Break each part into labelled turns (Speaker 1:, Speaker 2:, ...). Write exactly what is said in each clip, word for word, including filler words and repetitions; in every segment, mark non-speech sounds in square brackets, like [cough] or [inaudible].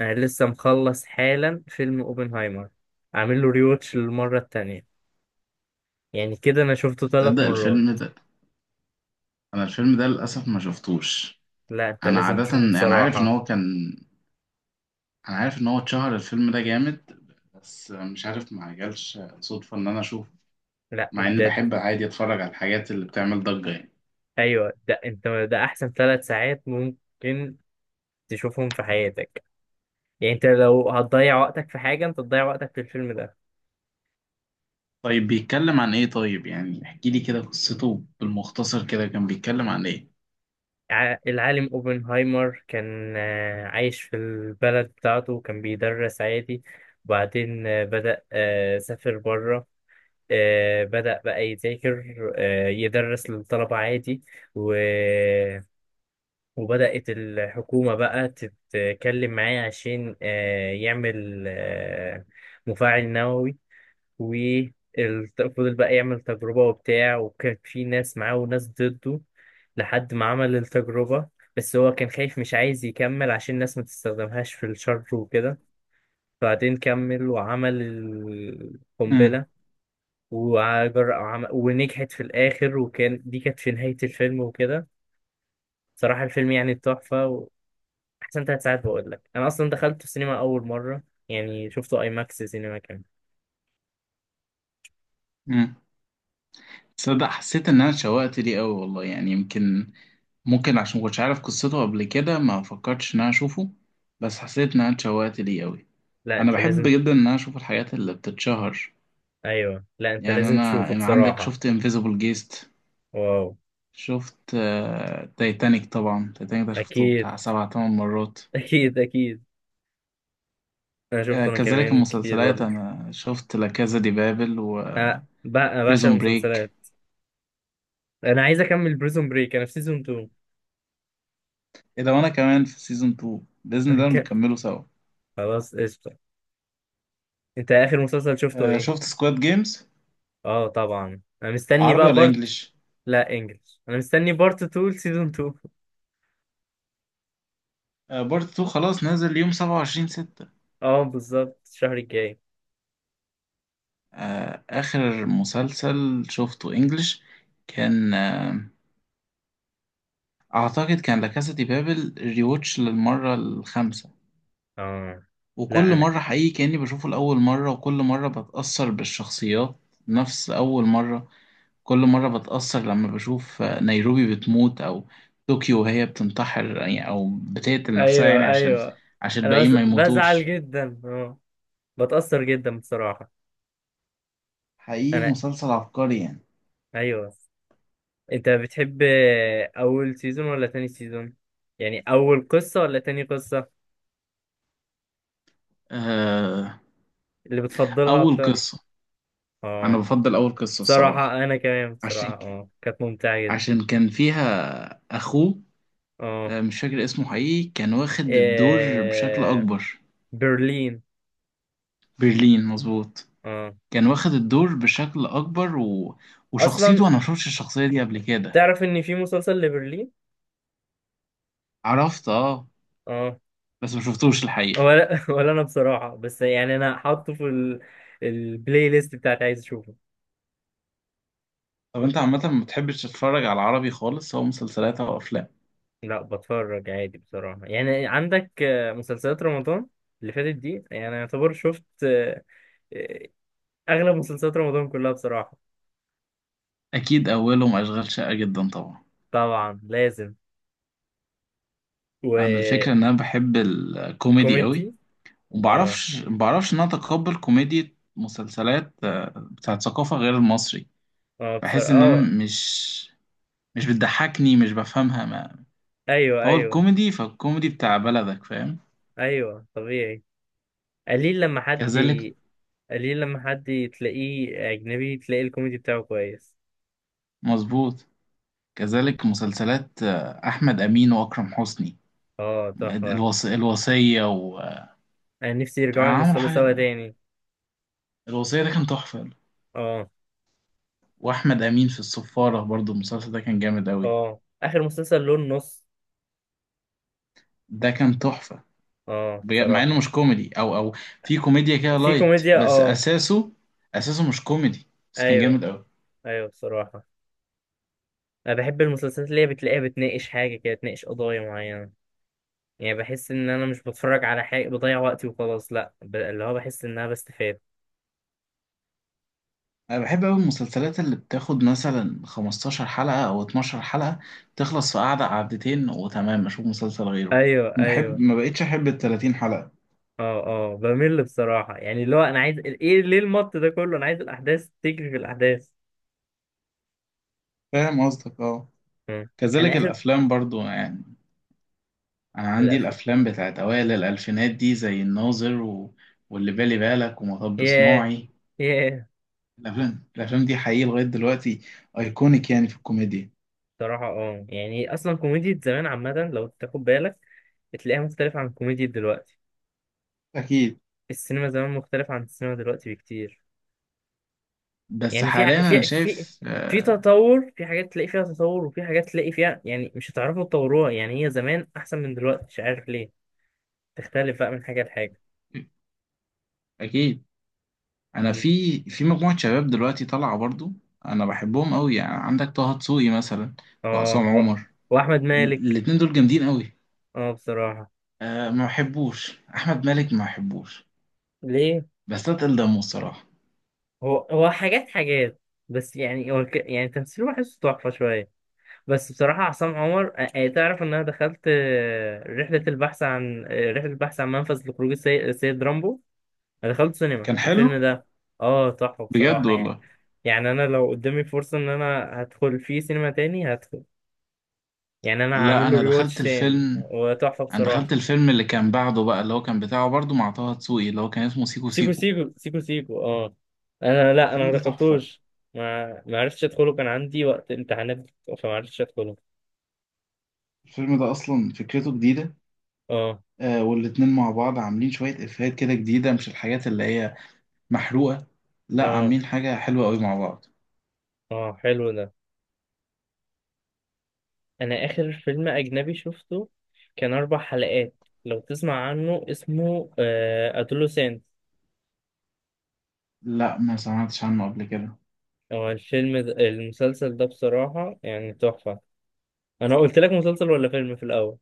Speaker 1: انا لسه مخلص حالا فيلم اوبنهايمر، عامل له ريوتش للمره التانية. يعني كده انا شفته ثلاث
Speaker 2: تصدق
Speaker 1: مرات.
Speaker 2: الفيلم ده؟ انا الفيلم ده للاسف ما شفتوش.
Speaker 1: لا، انت
Speaker 2: انا
Speaker 1: لازم
Speaker 2: عاده
Speaker 1: تشوفه
Speaker 2: انا عارف ان
Speaker 1: بصراحه.
Speaker 2: هو كان انا عارف ان هو اتشهر الفيلم ده جامد. بس مش عارف ما جالش صدفه ان انا اشوفه.
Speaker 1: لا
Speaker 2: مع اني
Speaker 1: انت.
Speaker 2: بحب عادي اتفرج على الحاجات اللي بتعمل ضجه، يعني.
Speaker 1: ايوه، ده انت ده احسن ثلاث ساعات ممكن تشوفهم في حياتك. يعني انت لو هتضيع وقتك في حاجه، انت تضيع وقتك في الفيلم ده.
Speaker 2: طيب، بيتكلم عن ايه؟ طيب يعني احكي لي كده قصته بالمختصر كده، كان بيتكلم عن ايه؟
Speaker 1: ع- العالم اوبنهايمر كان آه، عايش في البلد بتاعته، وكان بيدرس عادي. وبعدين آه، بدأ آه، سافر بره. آه، بدأ بقى يذاكر، آه، يدرس للطلبة عادي. و... وبدأت الحكومة بقى تتكلم معاه عشان آه، يعمل آه، مفاعل نووي. وفضل بقى يعمل تجربة وبتاع، وكان في ناس معاه وناس ضده لحد ما عمل التجربة. بس هو كان خايف، مش عايز يكمل عشان الناس ما تستخدمهاش في الشر وكده. بعدين كمل وعمل
Speaker 2: امم
Speaker 1: القنبلة. وعجر... وعم... ونجحت في الآخر، وكان دي كانت في نهاية الفيلم وكده. صراحة الفيلم يعني تحفة. وأحسن تلات ساعات بقول لك. أنا أصلا دخلت السينما أول مرة، يعني شفته أي ماكس سينما كان.
Speaker 2: امم تصدق حسيت ان انا اتشوقت ليه قوي والله، يعني يمكن ممكن عشان ما كنتش عارف قصته قبل كده، ما فكرتش ان انا اشوفه. بس حسيت ان انا اتشوقت ليه قوي.
Speaker 1: لا
Speaker 2: انا
Speaker 1: أنت
Speaker 2: بحب
Speaker 1: لازم.
Speaker 2: جدا ان انا اشوف الحاجات اللي بتتشهر.
Speaker 1: أيوه، لا أنت
Speaker 2: يعني
Speaker 1: لازم
Speaker 2: انا
Speaker 1: تشوفه
Speaker 2: أنا عندك
Speaker 1: بصراحة.
Speaker 2: شفت انفيزيبل جيست.
Speaker 1: واو.
Speaker 2: شفت تايتانيك، طبعا تايتانيك ده شفته
Speaker 1: أكيد.
Speaker 2: بتاع سبع تمن مرات.
Speaker 1: [laughs] أكيد أكيد. أنا
Speaker 2: آه،
Speaker 1: شفته أنا
Speaker 2: كذلك
Speaker 1: كمان كتير
Speaker 2: المسلسلات،
Speaker 1: برضه.
Speaker 2: انا شفت لا كازا دي بابل
Speaker 1: أه
Speaker 2: وبريزون
Speaker 1: بقى بعشق
Speaker 2: بريك.
Speaker 1: المسلسلات. أنا عايز أكمل بريزون بريك، أنا في سيزون اتنين.
Speaker 2: ايه ده، وانا كمان في سيزون اتنين باذن الله
Speaker 1: [laughs]
Speaker 2: نكمله سوا.
Speaker 1: خلاص قشطة. أنت آخر مسلسل شفته
Speaker 2: آه، شفت
Speaker 1: إيه؟
Speaker 2: سكواد جيمز.
Speaker 1: آه طبعا، أنا مستني
Speaker 2: عربي
Speaker 1: بقى
Speaker 2: ولا
Speaker 1: بارت.
Speaker 2: انجليش؟
Speaker 1: لا انجلش، انا مستني بارت اتنين سيزون اتنين.
Speaker 2: آه، بارت اتنين خلاص نازل يوم سبعة وعشرين ستة.
Speaker 1: اه بالظبط الشهر الجاي.
Speaker 2: آه، اخر مسلسل شفته انجليش كان، آه، اعتقد كان لاكاسا دي بابل ريوتش للمره الخامسه.
Speaker 1: اه. لا
Speaker 2: وكل
Speaker 1: انا.
Speaker 2: مره حقيقي كاني بشوفه لاول مره، وكل مره بتاثر بالشخصيات نفس اول مره. كل مره بتاثر لما بشوف نيروبي بتموت، او طوكيو وهي بتنتحر يعني، او بتقتل نفسها
Speaker 1: ايوه،
Speaker 2: يعني، عشان
Speaker 1: ايوه.
Speaker 2: عشان
Speaker 1: انا
Speaker 2: الباقيين
Speaker 1: بز...
Speaker 2: ما
Speaker 1: بزعل
Speaker 2: يموتوش.
Speaker 1: جدا، اه. بتأثر جدا بصراحة.
Speaker 2: حقيقي
Speaker 1: انا.
Speaker 2: مسلسل عبقري يعني.
Speaker 1: ايوه. انت بتحب اول سيزون ولا تاني سيزون؟ يعني اول قصة ولا تاني قصة
Speaker 2: آه،
Speaker 1: اللي بتفضلها
Speaker 2: اول
Speaker 1: اكتر؟
Speaker 2: قصه. انا
Speaker 1: اه.
Speaker 2: بفضل اول قصه
Speaker 1: بصراحة
Speaker 2: الصراحه.
Speaker 1: انا كمان، بصراحة
Speaker 2: عشان
Speaker 1: اه كانت ممتعة جدا.
Speaker 2: عشان كان فيها اخوه.
Speaker 1: اه.
Speaker 2: آه، مش فاكر اسمه، حقيقي كان واخد الدور بشكل
Speaker 1: إيه...
Speaker 2: أكبر.
Speaker 1: برلين.
Speaker 2: برلين، مظبوط.
Speaker 1: اه.
Speaker 2: كان واخد الدور بشكل أكبر، و...
Speaker 1: اصلا
Speaker 2: وشخصيته أنا مشوفتش الشخصية دي قبل كده.
Speaker 1: تعرف ان في مسلسل لبرلين.
Speaker 2: عرفت، اه.
Speaker 1: اه.
Speaker 2: بس مشوفتوش الحقيقة.
Speaker 1: ولا [laughs] ولا انا بصراحة، بس يعني انا حاطه في ال... البلاي ليست بتاعتي، عايز اشوفه.
Speaker 2: طب أنت عامة ما بتحبش تتفرج على العربي خالص، سواء مسلسلات أو أفلام؟
Speaker 1: لا بتفرج عادي بصراحة. يعني عندك آه، مسلسلات رمضان اللي فاتت دي، يعني يعتبر شفت آه، آه، اغلب مسلسلات رمضان كلها بصراحة.
Speaker 2: أكيد أولهم أشغال شاقة جدا طبعا.
Speaker 1: طبعا لازم.
Speaker 2: أنا الفكرة
Speaker 1: وكوميدي.
Speaker 2: إن أنا بحب الكوميدي قوي.
Speaker 1: اه،
Speaker 2: ومبعرفش مبعرفش إن أنا أتقبل كوميديا مسلسلات آه، بتاعت ثقافة غير المصري.
Speaker 1: اه،
Speaker 2: بحس
Speaker 1: بصراحة
Speaker 2: إن أنا
Speaker 1: اه.
Speaker 2: مش مش بتضحكني، مش بفهمها، ما.
Speaker 1: ايوه،
Speaker 2: فهو
Speaker 1: ايوه.
Speaker 2: الكوميدي فالكوميدي بتاع بلدك، فاهم.
Speaker 1: ايوه طبيعي. قليل لما حد
Speaker 2: كذلك،
Speaker 1: ي- قليل لما حد تلاقيه اجنبي تلاقي الكوميدي بتاعه كويس.
Speaker 2: مظبوط. كذلك مسلسلات آه، أحمد أمين وأكرم حسني.
Speaker 1: اه تحفة.
Speaker 2: الوص... الوصية، وكان
Speaker 1: يعني نفسي يرجعوا
Speaker 2: عملوا
Speaker 1: يمثلوا
Speaker 2: حاجة
Speaker 1: سوا
Speaker 2: ده.
Speaker 1: تاني.
Speaker 2: الوصية ده كان تحفة.
Speaker 1: اه.
Speaker 2: وأحمد أمين في الصفارة، برضو المسلسل ده كان جامد أوي.
Speaker 1: اه اخر مسلسل لون نص.
Speaker 2: ده كان تحفة.
Speaker 1: اه
Speaker 2: بج- مع إنه
Speaker 1: بصراحة.
Speaker 2: مش كوميدي، أو أو في كوميديا كده
Speaker 1: في
Speaker 2: لايت،
Speaker 1: كوميديا،
Speaker 2: بس
Speaker 1: اه.
Speaker 2: أساسه أساسه مش كوميدي. بس كان
Speaker 1: ايوه،
Speaker 2: جامد أوي.
Speaker 1: ايوه بصراحة. انا بحب المسلسلات اللي هي بتلاقيها بتناقش حاجة كده، بتناقش قضايا معينة. يعني بحس ان انا مش بتفرج على حاجة بضيع وقتي وخلاص، لا ب... اللي هو بحس ان انا بستفاد.
Speaker 2: انا بحب قوي المسلسلات اللي بتاخد مثلا خمستاشر حلقة او اتناشر حلقة، تخلص في قعدة قعدتين وتمام اشوف مسلسل غيره.
Speaker 1: ايوه،
Speaker 2: بحب،
Speaker 1: ايوه.
Speaker 2: ما بقتش احب ال تلاتين حلقة.
Speaker 1: اه، اه، بمل بصراحة. يعني اللي هو انا عايز ايه؟ ليه المط ده كله؟ انا عايز الاحداث تجري في الاحداث.
Speaker 2: فاهم قصدك، اه.
Speaker 1: مم. انا
Speaker 2: كذلك
Speaker 1: اخر.
Speaker 2: الافلام برضو يعني. انا عندي
Speaker 1: الافلام.
Speaker 2: الافلام بتاعت اوائل الالفينات دي زي الناظر، و... واللي بالي بالك ومطب
Speaker 1: ياه،
Speaker 2: صناعي.
Speaker 1: ياه.
Speaker 2: الافلام الافلام دي حقيقي لغاية دلوقتي ايكونيك يعني في الكوميديا.
Speaker 1: صراحة اه، يعني اصلا كوميديا زمان عامة لو تاخد بالك بتلاقيها مختلفة عن كوميديا دلوقتي.
Speaker 2: اكيد.
Speaker 1: السينما زمان مختلفة عن السينما دلوقتي بكتير.
Speaker 2: بس
Speaker 1: يعني في ع-
Speaker 2: حاليا انا
Speaker 1: في في
Speaker 2: شايف
Speaker 1: في
Speaker 2: آه،
Speaker 1: تطور. في حاجات تلاقي فيها تطور، وفي حاجات تلاقي فيها يعني مش هتعرفوا تطوروها، يعني هي زمان احسن من دلوقتي، مش عارف ليه. تختلف بقى من حاجة لحاجة.
Speaker 2: اكيد. انا
Speaker 1: مم.
Speaker 2: في في مجموعه شباب دلوقتي طالعه برضو. انا بحبهم قوي يعني، عندك طه دسوقي مثلا. وعصام
Speaker 1: اه و...
Speaker 2: عمر.
Speaker 1: واحمد
Speaker 2: ال-
Speaker 1: مالك.
Speaker 2: الاتنين دول جامدين قوي.
Speaker 1: اه بصراحة.
Speaker 2: أه، ما بحبوش احمد مالك ما بحبوش.
Speaker 1: ليه؟
Speaker 2: بس اتقل دمه الصراحه.
Speaker 1: هو هو حاجات حاجات، بس يعني هو ك- يعني تمثيله بحسه تحفة شوية. بس بصراحة عصام عمر، آه، تعرف إن أنا دخلت، آه، رحلة البحث عن آه، رحلة البحث عن منفذ لخروج السي- السيد رامبو. أنا دخلت سينما
Speaker 2: كان حلو.
Speaker 1: الفيلم ده. آه تحفة
Speaker 2: بجد
Speaker 1: بصراحة يعني.
Speaker 2: والله.
Speaker 1: يعني أنا لو قدامي فرصة إن أنا هدخل فيه سينما تاني هدخل. يعني أنا
Speaker 2: لا،
Speaker 1: هعمل له
Speaker 2: انا دخلت
Speaker 1: ريواتش تاني،
Speaker 2: الفيلم
Speaker 1: هو تحفة
Speaker 2: انا
Speaker 1: بصراحة.
Speaker 2: دخلت الفيلم اللي كان بعده بقى، اللي هو كان بتاعه برضو مع طه دسوقي، اللي هو كان اسمه سيكو
Speaker 1: سيكو
Speaker 2: سيكو.
Speaker 1: سيكو سيكو سيكو، آه. أنا لأ، أنا
Speaker 2: الفيلم
Speaker 1: ما
Speaker 2: ده تحفه.
Speaker 1: دخلتوش. ما ما عرفتش أدخله، كان عندي وقت امتحانات، فما عرفتش أدخله.
Speaker 2: الفيلم ده اصلا فكرته جديده.
Speaker 1: آه،
Speaker 2: أه، والاتنين مع بعض عاملين شويه افيهات كده جديده، مش الحاجات اللي هي محروقة. لا،
Speaker 1: آه،
Speaker 2: عاملين حاجة حلوة قوي مع بعض.
Speaker 1: آه حلو ده. انا اخر فيلم اجنبي شفته كان اربع حلقات، لو تسمع عنه اسمه ادولوسنت.
Speaker 2: لا، ما سمعتش عنه قبل كده.
Speaker 1: هو الفيلم ده المسلسل ده بصراحة يعني تحفة. انا قلت لك مسلسل ولا فيلم في الاول؟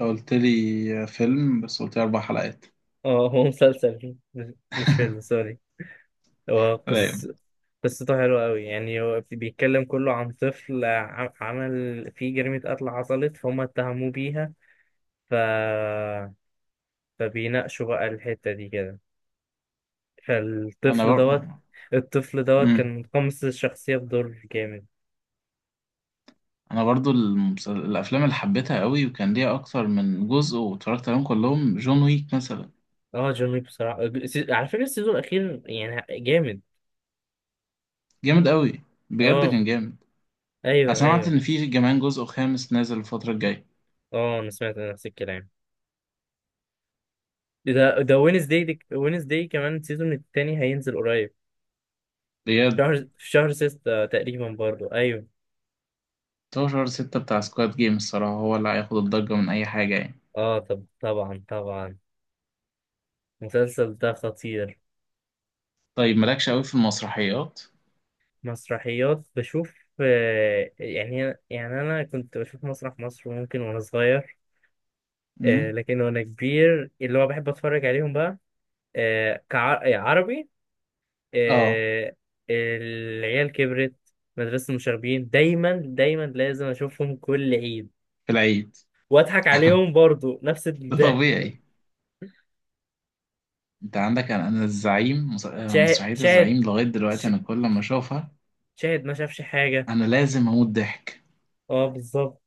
Speaker 2: انت قلت لي فيلم، بس قلت لي أربع حلقات.
Speaker 1: اه هو مسلسل مش مش فيلم،
Speaker 2: [laughs]
Speaker 1: سوري. هو
Speaker 2: رايق.
Speaker 1: قص... قصته حلوة قوي. يعني هو بيتكلم كله عن طفل ع- عمل فيه جريمة قتل حصلت فهم اتهموه بيها. ف... فبيناقشوا بقى الحتة دي كده.
Speaker 2: أنا
Speaker 1: فالطفل
Speaker 2: بر...
Speaker 1: دوت الطفل دوت
Speaker 2: مم.
Speaker 1: كان متقمص الشخصية بدور جامد.
Speaker 2: أنا برضو المسل... الأفلام اللي حبيتها قوي وكان ليها أكتر من جزء واتفرجت عليهم كلهم، جون ويك مثلا.
Speaker 1: اه جون ويك بصراحة السي- على فكرة السيزون الأخير يعني جامد.
Speaker 2: جامد قوي. بجد
Speaker 1: اه
Speaker 2: كان جامد. أنا
Speaker 1: أيوه،
Speaker 2: سمعت
Speaker 1: أيوه.
Speaker 2: إن في كمان جزء خامس نازل الفترة الجاية.
Speaker 1: اه أنا سمعت نفس الكلام. ده ده وينزداي وينزداي كمان السيزون التاني هينزل قريب.
Speaker 2: بجد؟
Speaker 1: شهر، في شهر ستة تقريبا برضو، أيوه.
Speaker 2: ستاشر ستة بتاع سكواد جيم، الصراحة هو اللي هياخد الضجة من أي حاجة يعني.
Speaker 1: اه طب طبعا، طبعا. المسلسل ده خطير.
Speaker 2: طيب مالكش قوي في المسرحيات؟
Speaker 1: مسرحيات بشوف آه، يعني، يعني أنا كنت بشوف مسرح مصر ممكن وأنا صغير.
Speaker 2: مم.
Speaker 1: آه، لكن وانا كبير اللي هو بحب اتفرج عليهم بقى آه، كعربي.
Speaker 2: اه.
Speaker 1: العيال كبرت. مدرسة المشاغبين دايما دايما لازم اشوفهم كل عيد،
Speaker 2: العيد.
Speaker 1: واضحك عليهم برضو نفس
Speaker 2: ده
Speaker 1: الضحك.
Speaker 2: طبيعي. انت عندك انا أنا الزعيم، مس- آه،
Speaker 1: شاهد
Speaker 2: مسرحية
Speaker 1: شاهد
Speaker 2: الزعيم لغاية دلوقتي
Speaker 1: ش-
Speaker 2: انا كل ما اشوفها،
Speaker 1: شاهد ما شافش حاجة.
Speaker 2: انا لازم اموت ضحك.
Speaker 1: اه بالظبط.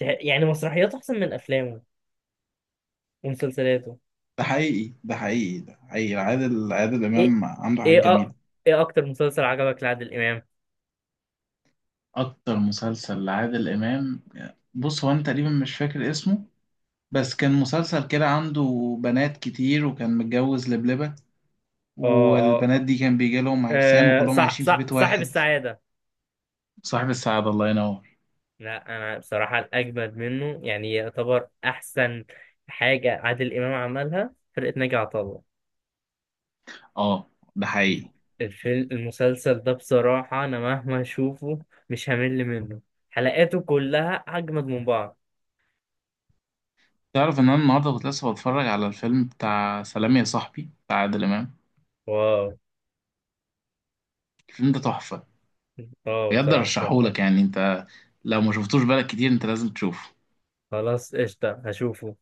Speaker 1: شاهد- يعني مسرحياته احسن من افلامه ومسلسلاته.
Speaker 2: ده حقيقي، ده حقيقي، ده حقيقي. عادل عادل
Speaker 1: ايه
Speaker 2: امام عنده حاجات
Speaker 1: ايه أ...
Speaker 2: جميلة.
Speaker 1: ايه اكتر مسلسل عجبك لعادل امام؟
Speaker 2: اكتر مسلسل لعادل امام. بص هو انا تقريبا مش فاكر اسمه. بس كان مسلسل كده عنده بنات كتير، وكان متجوز لبلبة.
Speaker 1: اه، اه،
Speaker 2: والبنات دي كان بيجي لهم عرسان،
Speaker 1: آه،
Speaker 2: وكلهم
Speaker 1: صح،
Speaker 2: عايشين في
Speaker 1: صح،
Speaker 2: بيت
Speaker 1: صاحب
Speaker 2: واحد.
Speaker 1: السعادة.
Speaker 2: صاحب السعادة، الله ينور.
Speaker 1: لا انا بصراحه الاجمد منه، يعني يعتبر احسن حاجه عادل امام عملها فرقه ناجي عطا الله.
Speaker 2: اه. ده
Speaker 1: الف-
Speaker 2: حقيقي.
Speaker 1: الفيلم المسلسل ده بصراحه انا مهما اشوفه مش همل منه. حلقاته كلها اجمد من بعض.
Speaker 2: تعرف ان انا النهارده كنت لسه بتفرج على الفيلم بتاع سلام يا صاحبي بتاع عادل امام.
Speaker 1: واو.
Speaker 2: الفيلم ده تحفه.
Speaker 1: اه
Speaker 2: بجد،
Speaker 1: بصراحه تحفه.
Speaker 2: ارشحهولك يعني انت. لو ما شفتوش بالك كتير، انت لازم تشوفه.
Speaker 1: خلاص قشطه، هشوفه.